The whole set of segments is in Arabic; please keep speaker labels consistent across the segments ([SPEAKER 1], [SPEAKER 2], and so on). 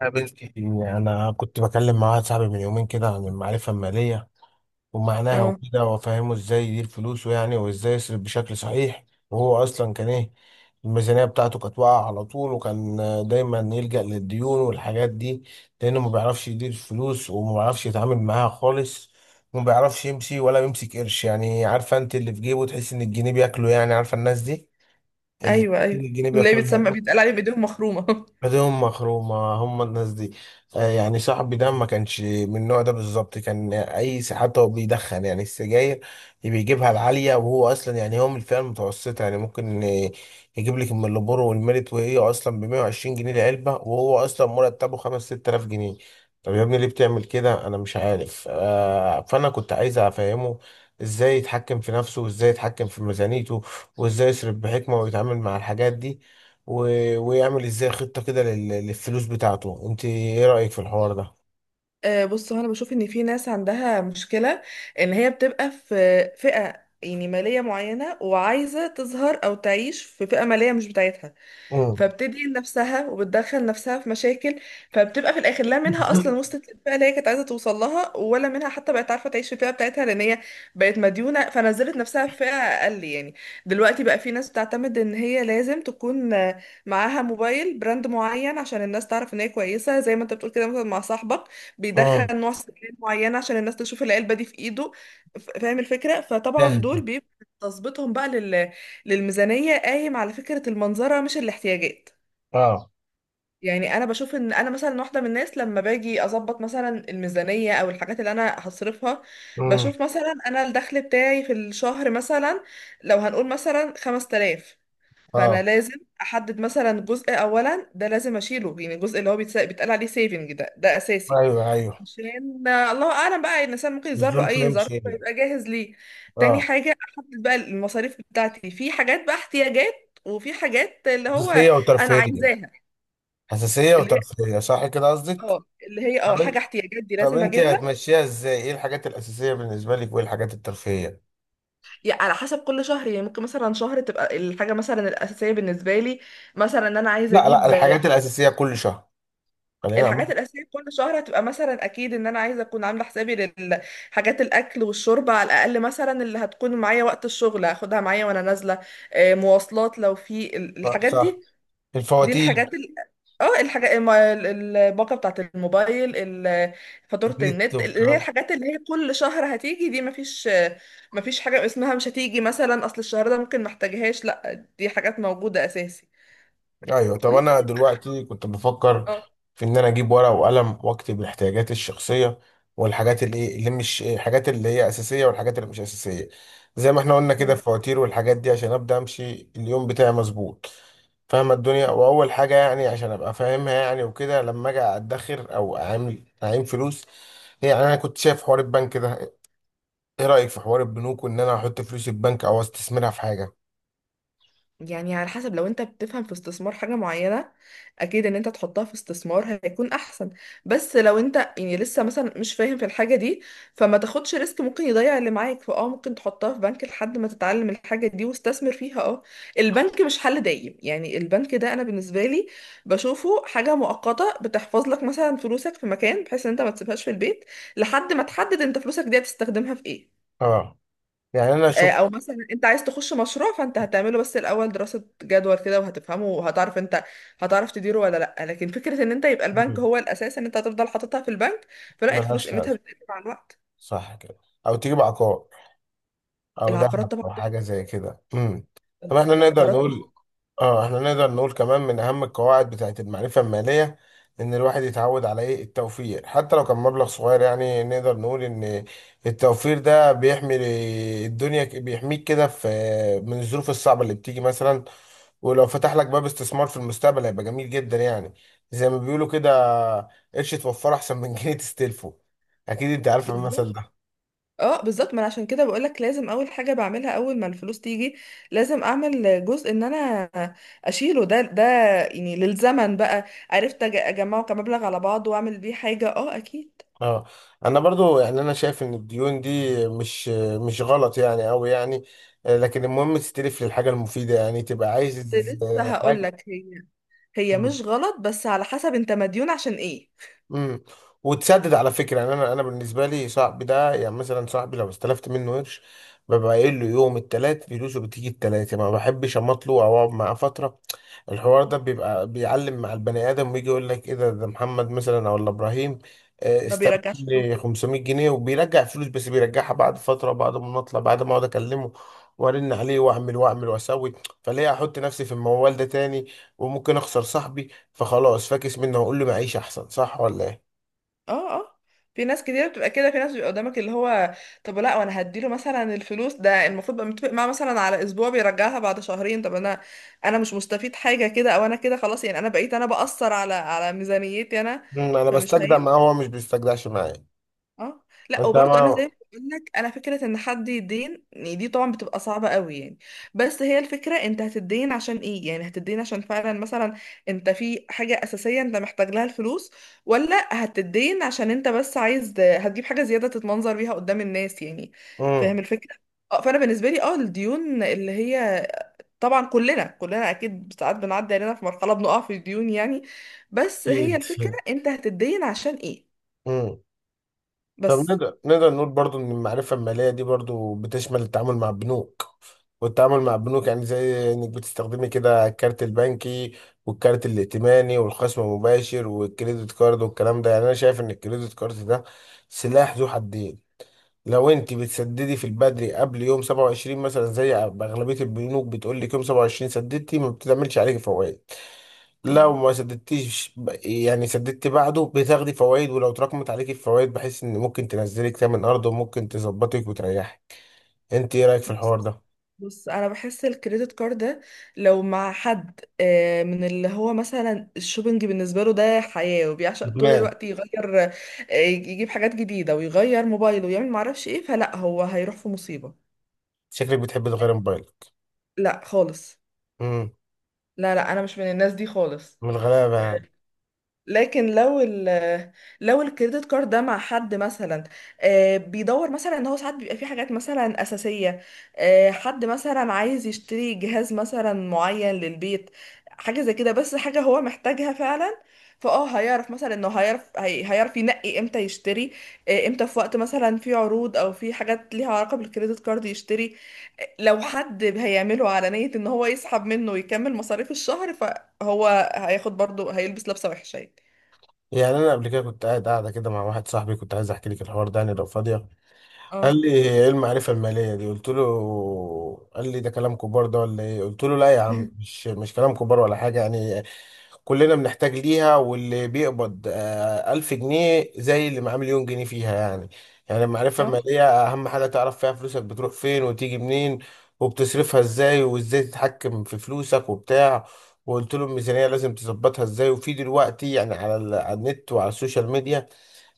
[SPEAKER 1] قابلتي، انا كنت بكلم مع واحد صاحبي من يومين كده عن المعرفه الماليه ومعناها
[SPEAKER 2] اه،
[SPEAKER 1] وكده، وافهمه ازاي يدير فلوسه يعني، وازاي يصرف بشكل صحيح. وهو اصلا كان ايه؟ الميزانيه بتاعته كانت واقعه على طول، وكان دايما يلجأ للديون والحاجات دي، لانه ما بيعرفش يدير فلوس، وما بيعرفش يتعامل معاها خالص، وما بيعرفش يمشي ولا يمسك قرش. يعني عارفه انت اللي في جيبه تحس ان الجنيه بياكله، يعني عارفه الناس دي اللي
[SPEAKER 2] ايوه، ايوه،
[SPEAKER 1] الجنيه
[SPEAKER 2] اللي هي بتسمى
[SPEAKER 1] بياكلها،
[SPEAKER 2] بيتقال عليه بايديهم مخرومه.
[SPEAKER 1] ايديهم مخرومة هم الناس دي. يعني صاحبي ده ما كانش من النوع ده بالظبط. كان حتى هو بيدخن يعني السجاير، بيجيبها العالية، وهو اصلا يعني هو من الفئة المتوسطة. يعني ممكن يجيب لك من اللبور والميريت، وهي اصلا ب 120 جنيه العلبة، وهو اصلا مرتبه 5 6000 جنيه. طب يا ابني ليه بتعمل كده؟ انا مش عارف. فانا كنت عايز افهمه ازاي يتحكم في نفسه، وازاي يتحكم في ميزانيته، وازاي يصرف بحكمة ويتعامل مع الحاجات دي، و... ويعمل ازاي خطة كده للفلوس بتاعته. انت ايه رأيك في الحوار ده؟
[SPEAKER 2] بص هو انا بشوف ان في ناس عندها مشكله، ان هي بتبقى في فئه يعني ماليه معينه وعايزه تظهر او تعيش في فئه ماليه مش بتاعتها.
[SPEAKER 1] امم.
[SPEAKER 2] فبتدين نفسها وبتدخل نفسها في مشاكل، فبتبقى في الاخر لا منها اصلا وصلت للفئه اللي هي كانت عايزه توصل لها، ولا منها حتى بقت عارفه تعيش في الفئه بتاعتها، لان هي بقت مديونه فنزلت نفسها في فئه اقل يعني. دلوقتي بقى في ناس بتعتمد ان هي لازم تكون معاها موبايل براند معين عشان الناس تعرف ان هي كويسه، زي ما انت بتقول كده مثلا مع صاحبك، بيدخل
[SPEAKER 1] امم.
[SPEAKER 2] نوع سكين معين عشان الناس تشوف العلبه دي في ايده. فاهم الفكره، فطبعا
[SPEAKER 1] جاهز.
[SPEAKER 2] دول بيبقى تظبيطهم بقى للميزانية قايم على فكرة المنظرة مش الاحتياجات.
[SPEAKER 1] اه.
[SPEAKER 2] يعني انا بشوف ان انا مثلا واحدة من الناس، لما باجي اظبط مثلا الميزانية او الحاجات اللي انا هصرفها،
[SPEAKER 1] امم.
[SPEAKER 2] بشوف مثلا انا الدخل بتاعي في الشهر مثلا لو هنقول مثلا 5000، فانا
[SPEAKER 1] اه.
[SPEAKER 2] لازم احدد مثلا جزء اولا ده لازم اشيله، يعني الجزء اللي هو بيتقال عليه سيفنج، ده اساسي
[SPEAKER 1] ايوه، ايوه.
[SPEAKER 2] عشان الله اعلم بقى، الانسان ممكن يظهر له
[SPEAKER 1] الظروف، هي
[SPEAKER 2] اي ظرف
[SPEAKER 1] مش هي.
[SPEAKER 2] فيبقى جاهز ليه. تاني
[SPEAKER 1] اه.
[SPEAKER 2] حاجه احدد بقى المصاريف بتاعتي، في حاجات بقى احتياجات وفي حاجات اللي هو
[SPEAKER 1] حساسية
[SPEAKER 2] انا
[SPEAKER 1] وترفيهية.
[SPEAKER 2] عايزاها.
[SPEAKER 1] حساسية
[SPEAKER 2] اللي هي
[SPEAKER 1] وترفيهية، صح كده قصدك؟
[SPEAKER 2] اه اللي هي
[SPEAKER 1] طب
[SPEAKER 2] حاجه
[SPEAKER 1] انت
[SPEAKER 2] احتياجات دي
[SPEAKER 1] طب
[SPEAKER 2] لازم
[SPEAKER 1] انت
[SPEAKER 2] اجيبها.
[SPEAKER 1] هتمشيها ازاي؟ ايه الحاجات الأساسية بالنسبة لك وايه الحاجات الترفيهية؟
[SPEAKER 2] يعني على حسب كل شهر، يعني ممكن مثلا شهر تبقى الحاجه مثلا الاساسيه بالنسبه لي مثلا ان انا عايزه
[SPEAKER 1] لا
[SPEAKER 2] اجيب.
[SPEAKER 1] الحاجات الأساسية كل شهر. خلينا نعمل.
[SPEAKER 2] الحاجات الاساسيه كل شهر هتبقى مثلا، اكيد ان انا عايزه اكون عامله حسابي للحاجات، الاكل والشرب على الاقل مثلا، اللي هتكون معايا وقت الشغل هاخدها معايا وانا نازله. مواصلات، لو في الحاجات
[SPEAKER 1] صح.
[SPEAKER 2] دي، دي
[SPEAKER 1] الفواتير.
[SPEAKER 2] الحاجات الباقه بتاعت الموبايل، ال- فاتوره
[SPEAKER 1] النت
[SPEAKER 2] النت، اللي هي
[SPEAKER 1] والكلام.
[SPEAKER 2] الحاجات اللي هي كل شهر هتيجي دي. مفيش، مفيش حاجه اسمها مش هتيجي مثلا، اصل الشهر ده ممكن محتاجهاش، لا دي حاجات موجوده اساسي.
[SPEAKER 1] ايوه. طب انا
[SPEAKER 2] ممكن،
[SPEAKER 1] دلوقتي كنت بفكر
[SPEAKER 2] اه،
[SPEAKER 1] في ان انا اجيب ورقه وقلم واكتب الاحتياجات الشخصيه والحاجات اللي اللي مش، الحاجات اللي هي اساسيه والحاجات اللي مش اساسيه، زي ما احنا قلنا كده،
[SPEAKER 2] تمام.
[SPEAKER 1] الفواتير والحاجات دي، عشان ابدا امشي اليوم بتاعي مظبوط، فاهم الدنيا. واول حاجه يعني عشان ابقى فاهمها يعني وكده، لما اجي ادخر او اعمل اعين فلوس، يعني انا كنت شايف حوار البنك ده. ايه رايك في حوار البنوك وان انا احط فلوسي في بنك او استثمرها في حاجه؟
[SPEAKER 2] يعني على حسب، لو انت بتفهم في استثمار حاجة معينة، اكيد ان انت تحطها في استثمار هيكون احسن. بس لو انت يعني لسه مثلا مش فاهم في الحاجة دي، فما تاخدش ريسك، ممكن يضيع اللي معاك، فاه ممكن تحطها في بنك لحد ما تتعلم الحاجة دي واستثمر فيها. اه، البنك مش حل دايم، يعني البنك ده انا بالنسبة لي بشوفه حاجة مؤقتة، بتحفظ لك مثلا فلوسك في مكان بحيث ان انت ما تسيبهاش في البيت، لحد ما تحدد انت فلوسك دي هتستخدمها في ايه.
[SPEAKER 1] اه. يعني انا شفت.
[SPEAKER 2] او مثلا انت عايز تخش مشروع، فانت هتعمله بس الاول دراسة جدوى كده، وهتفهمه وهتعرف انت، هتعرف تديره ولا لا. لكن فكرة ان انت يبقى البنك
[SPEAKER 1] مم.
[SPEAKER 2] هو الاساس ان انت هتفضل حاططها في البنك، فلا، الفلوس
[SPEAKER 1] ملهاش
[SPEAKER 2] قيمتها
[SPEAKER 1] لازمه،
[SPEAKER 2] بتقل مع الوقت.
[SPEAKER 1] صح كده؟ او تجيب عقار، او
[SPEAKER 2] العقارات
[SPEAKER 1] ذهب،
[SPEAKER 2] طبعا
[SPEAKER 1] او
[SPEAKER 2] تحفة،
[SPEAKER 1] حاجه زي كده. امم. طب احنا نقدر
[SPEAKER 2] العقارات تحفة.
[SPEAKER 1] نقول، اه احنا نقدر نقول كمان، من اهم القواعد بتاعت المعرفه الماليه ان الواحد يتعود على ايه؟ التوفير. حتى لو كان مبلغ صغير يعني. نقدر نقول ان التوفير ده بيحمي الدنيا، بيحميك كده في، من الظروف الصعبه اللي بتيجي مثلا. ولو فتح لك باب استثمار في المستقبل هيبقى جميل جدا يعني. زي ما بيقولوا كده: قرش توفره احسن من جنيه تستلفه. اكيد انت عارف المثل
[SPEAKER 2] بالظبط،
[SPEAKER 1] ده.
[SPEAKER 2] اه بالظبط، ما انا عشان كده بقول لك لازم اول حاجة بعملها اول ما الفلوس تيجي، لازم اعمل جزء ان انا اشيله، ده يعني للزمن بقى، عرفت اجمعه كمبلغ على بعضه واعمل بيه حاجة. اه اكيد.
[SPEAKER 1] اه. انا برضو يعني انا شايف ان الديون دي مش مش غلط يعني قوي يعني. لكن المهم تستلف للحاجه المفيده، يعني تبقى عايز
[SPEAKER 2] كنت لسه هقول
[SPEAKER 1] حاجه.
[SPEAKER 2] لك، هي مش غلط، بس على حسب انت مديون عشان ايه.
[SPEAKER 1] امم. وتسدد على فكره. يعني انا بالنسبه لي صاحبي ده، يعني مثلا صاحبي لو استلفت منه قرش، ببقى قايل له يوم التلات فلوسه بتيجي التلات، يعني ما بحبش اماطله او اقعد معاه فتره. الحوار ده بيبقى بيعلم مع البني ادم، ويجي يقول لك ايه؟ ده محمد مثلا، او ولا ابراهيم،
[SPEAKER 2] ما
[SPEAKER 1] استلف
[SPEAKER 2] بيرجعش
[SPEAKER 1] مني
[SPEAKER 2] فلوس.
[SPEAKER 1] 500 جنيه وبيرجع فلوس، بس بيرجعها بعد فتره، بعد ما نطلع، بعد ما اقعد اكلمه وارن عليه واعمل واعمل واسوي. فليه احط نفسي في الموال ده تاني؟ وممكن اخسر صاحبي. فخلاص، فاكس منه، هقول له معيش احسن، صح ولا ايه؟
[SPEAKER 2] اه، اه، في ناس كتير بتبقى كده، في ناس بيبقى قدامك اللي هو، طب لا وانا هديله مثلا الفلوس ده، المفروض بقى متفق معاه مثلا على اسبوع بيرجعها بعد شهرين، طب انا مش مستفيد حاجة كده، او انا كده خلاص، يعني انا بقيت انا بأثر على ميزانيتي انا،
[SPEAKER 1] مم. انا
[SPEAKER 2] فمش
[SPEAKER 1] بستجدع معاه،
[SPEAKER 2] هينفع.
[SPEAKER 1] هو مش بيستجدعش معايا.
[SPEAKER 2] اه. لا
[SPEAKER 1] انت
[SPEAKER 2] وبرضه انا
[SPEAKER 1] ما.
[SPEAKER 2] زي ما بقول لك، انا فكره ان حد يدين يعني، دي طبعا بتبقى صعبه قوي يعني، بس هي الفكره انت هتدين عشان ايه، يعني هتدين عشان فعلا مثلا انت في حاجه اساسيه انت محتاج لها الفلوس، ولا هتدين عشان انت بس عايز هتجيب حاجه زياده تتمنظر بيها قدام الناس يعني، فاهم
[SPEAKER 1] امم.
[SPEAKER 2] الفكره. اه، فانا بالنسبه لي اه الديون اللي هي طبعا، كلنا اكيد ساعات بنعدي علينا في مرحله بنقع في الديون يعني، بس هي
[SPEAKER 1] اكيد.
[SPEAKER 2] الفكره انت هتدين عشان ايه
[SPEAKER 1] امم. طب
[SPEAKER 2] بس.
[SPEAKER 1] نقدر نقول برضو ان المعرفة المالية دي برضو بتشمل التعامل مع البنوك. والتعامل مع البنوك يعني زي انك بتستخدمي كده الكارت البنكي، والكارت الائتماني، والخصم المباشر، والكريدت كارد، والكلام ده. يعني انا شايف ان الكريدت كارد ده سلاح ذو حدين. لو انت بتسددي في البدري قبل يوم 27 مثلا، زي اغلبيه البنوك بتقول لك يوم 27 سددتي ما بتعملش عليكي فوائد. لو
[SPEAKER 2] مم.
[SPEAKER 1] ما سددتيش يعني سددتي بعده، بتاخدي فوائد، ولو اتراكمت عليكي الفوائد بحيث ان ممكن تنزلك تمن ارض وممكن تظبطك وتريحي. انت ايه رايك في الحوار ده؟
[SPEAKER 2] بص، انا بحس الكريدت كارد ده، لو مع حد من اللي هو مثلا الشوبينج بالنسبه له ده حياه وبيعشق طول
[SPEAKER 1] ما
[SPEAKER 2] الوقت يغير، يجيب حاجات جديده ويغير موبايله ويعمل معرفش ايه، فلا هو هيروح في مصيبه.
[SPEAKER 1] شكلك بتحب تغير موبايلك.
[SPEAKER 2] لا خالص.
[SPEAKER 1] امم.
[SPEAKER 2] لا، لا، انا مش من الناس دي خالص.
[SPEAKER 1] من الغلابه يعني.
[SPEAKER 2] لكن لو لو الكريدت كارد ده مع حد مثلا بيدور مثلا، ان هو ساعات بيبقى فيه حاجات مثلا اساسيه، حد مثلا عايز يشتري جهاز مثلا معين للبيت، حاجه زي كده بس حاجه هو محتاجها فعلا، فاه هيعرف مثلا انه هيعرف، هيعرف ينقي امتى يشتري، امتى في وقت مثلا في عروض او في حاجات ليها علاقه بالكريدت كارد يشتري. لو حد هيعمله على نيه ان هو يسحب منه ويكمل مصاريف الشهر، فهو هياخد برضه هيلبس لبسه وحشه يعني.
[SPEAKER 1] يعني انا قبل كده كنت قاعد كده مع واحد صاحبي، كنت عايز احكي لك الحوار ده يعني لو فاضيه. قال
[SPEAKER 2] اه.
[SPEAKER 1] لي: ايه المعرفة المالية دي؟ قلت له، قال لي: ده كلام كبار ده ولا ايه؟ قلت له: لا يا عم، مش كلام كبار ولا حاجة يعني. كلنا بنحتاج ليها، واللي بيقبض ألف جنيه زي اللي معاه مليون جنيه فيها يعني. يعني المعرفة
[SPEAKER 2] اه
[SPEAKER 1] المالية أهم حاجة تعرف فيها فلوسك بتروح فين وتيجي منين، وبتصرفها ازاي، وازاي تتحكم في فلوسك وبتاع. وقلت له الميزانية لازم تظبطها ازاي. وفي دلوقتي يعني، على على النت وعلى السوشيال ميديا،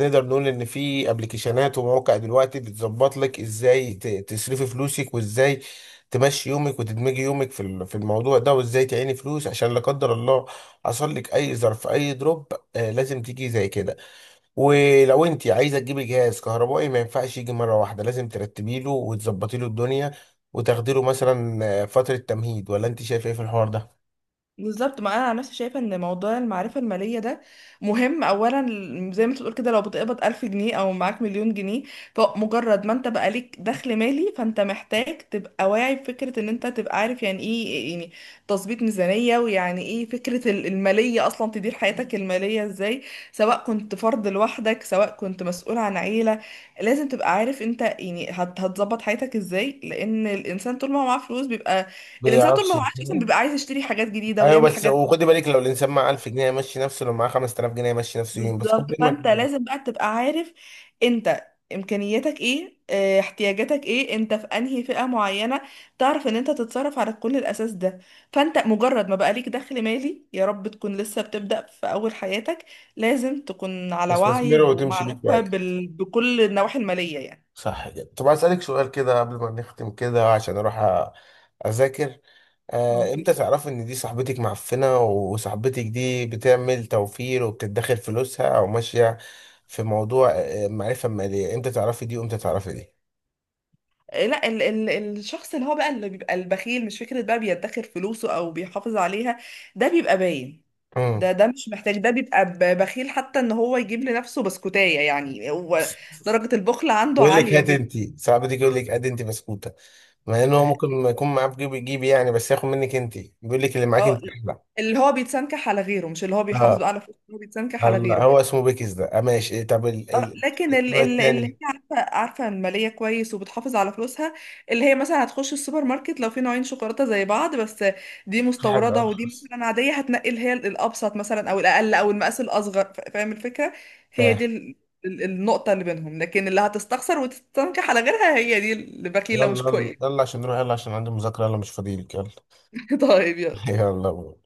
[SPEAKER 1] نقدر نقول ان في ابلكيشنات ومواقع دلوقتي بتظبط لك ازاي تصرفي فلوسك، وازاي تمشي يومك، وتدمجي يومك في في الموضوع ده، وازاي تعيني فلوس عشان لا قدر الله حصل لك اي ظرف، اي دروب، آه لازم تيجي زي كده. ولو انت عايزه تجيبي جهاز كهربائي، ما ينفعش يجي مره واحده، لازم ترتبي له وتظبطي له الدنيا وتاخدي له مثلا فتره تمهيد. ولا انت شايف ايه في الحوار ده؟
[SPEAKER 2] بالظبط، ما انا عن نفسي شايفه ان موضوع المعرفه الماليه ده مهم اولا، زي ما انت بتقول كده، لو بتقبض ألف جنيه او معاك مليون جنيه، فمجرد ما انت بقى ليك دخل مالي، فانت محتاج تبقى واعي بفكره ان انت تبقى عارف يعني ايه يعني تظبيط ميزانيه، ويعني ايه فكره الماليه اصلا، تدير حياتك الماليه ازاي، سواء كنت فرد لوحدك سواء كنت مسؤول عن عيله. لازم تبقى عارف انت يعني هتظبط حياتك ازاي، لان الانسان طول ما هو معاه فلوس بيبقى، الانسان طول ما
[SPEAKER 1] بيعرفش.
[SPEAKER 2] هو عايش اصلا بيبقى عايز يشتري حاجات جديده
[SPEAKER 1] ايوه
[SPEAKER 2] ويعمل
[SPEAKER 1] بس
[SPEAKER 2] حاجات.
[SPEAKER 1] وخدي بالك، لو الانسان معاه 1000 جنيه يمشي نفسه، لو معاه 5000 جنيه يمشي نفسه يوم بس
[SPEAKER 2] بالظبط،
[SPEAKER 1] قبل
[SPEAKER 2] فانت لازم بقى تبقى عارف انت امكانياتك ايه، اه، احتياجاتك ايه، انت في انهي فئه معينه، تعرف ان انت تتصرف على كل الاساس ده. فانت مجرد ما بقى ليك دخل مالي، يا رب تكون لسه بتبدا في اول حياتك، لازم تكون
[SPEAKER 1] ما
[SPEAKER 2] على وعي
[SPEAKER 1] تستثمره وتمشي بيه
[SPEAKER 2] ومعرفه
[SPEAKER 1] كويس،
[SPEAKER 2] بكل النواحي الماليه يعني.
[SPEAKER 1] صح كده؟ طب اسالك سؤال كده قبل ما نختم كده عشان اروح اذاكر.
[SPEAKER 2] اوكي.
[SPEAKER 1] امتى تعرفي ان دي صاحبتك معفنه، وصاحبتك دي بتعمل توفير وبتدخر فلوسها او ماشيه في موضوع معرفه ماليه؟ امتى تعرفي دي وامتى تعرفي دي؟
[SPEAKER 2] لا، ال ال الشخص اللي هو بقى اللي بيبقى البخيل، مش فكرة بقى بيدخر فلوسه او بيحافظ عليها، ده بيبقى باين.
[SPEAKER 1] امم.
[SPEAKER 2] ده مش محتاج، ده بيبقى بخيل حتى ان هو يجيب لنفسه بسكوتاية، يعني هو درجة البخل عنده
[SPEAKER 1] يقول لك
[SPEAKER 2] عالية
[SPEAKER 1] هات،
[SPEAKER 2] جدا.
[SPEAKER 1] انت صاحبتك يقول لك هات انت بسكوته، مع ان هو ممكن ما يكون معاه في جيبي يعني، بس ياخد منك انت، بيقول لك اللي معاك
[SPEAKER 2] اه،
[SPEAKER 1] انت احلى.
[SPEAKER 2] اللي هو بيتسنكح على غيره، مش اللي هو بيحافظ
[SPEAKER 1] اه.
[SPEAKER 2] بقى على فلوسه، اللي هو بيتسنكح على
[SPEAKER 1] الله،
[SPEAKER 2] غيره.
[SPEAKER 1] هو اسمه بيكس ده آه، ماشي إيه، طب ال
[SPEAKER 2] اه
[SPEAKER 1] ال
[SPEAKER 2] لكن
[SPEAKER 1] النوع
[SPEAKER 2] اللي هي
[SPEAKER 1] التاني.
[SPEAKER 2] عارفه الماليه كويس وبتحافظ على فلوسها، اللي هي مثلا هتخش السوبر ماركت، لو في نوعين شوكولاته زي بعض، بس دي
[SPEAKER 1] في حاجة
[SPEAKER 2] مستورده ودي
[SPEAKER 1] ارخص.
[SPEAKER 2] مثلا عاديه، هتنقي اللي هي الابسط مثلا، او الاقل، او المقاس الاصغر، فاهم الفكره. هي دي
[SPEAKER 1] فاهم.
[SPEAKER 2] النقطه اللي بينهم، لكن اللي هتستخسر وتستنكح على غيرها هي دي اللي
[SPEAKER 1] يلا
[SPEAKER 2] بخيله مش
[SPEAKER 1] يلا
[SPEAKER 2] كويس.
[SPEAKER 1] يلا عشان نروح، يلا عشان عندي مذاكرة، يلا مش فاضيلك، يلا.
[SPEAKER 2] طيب يلا.
[SPEAKER 1] يلا.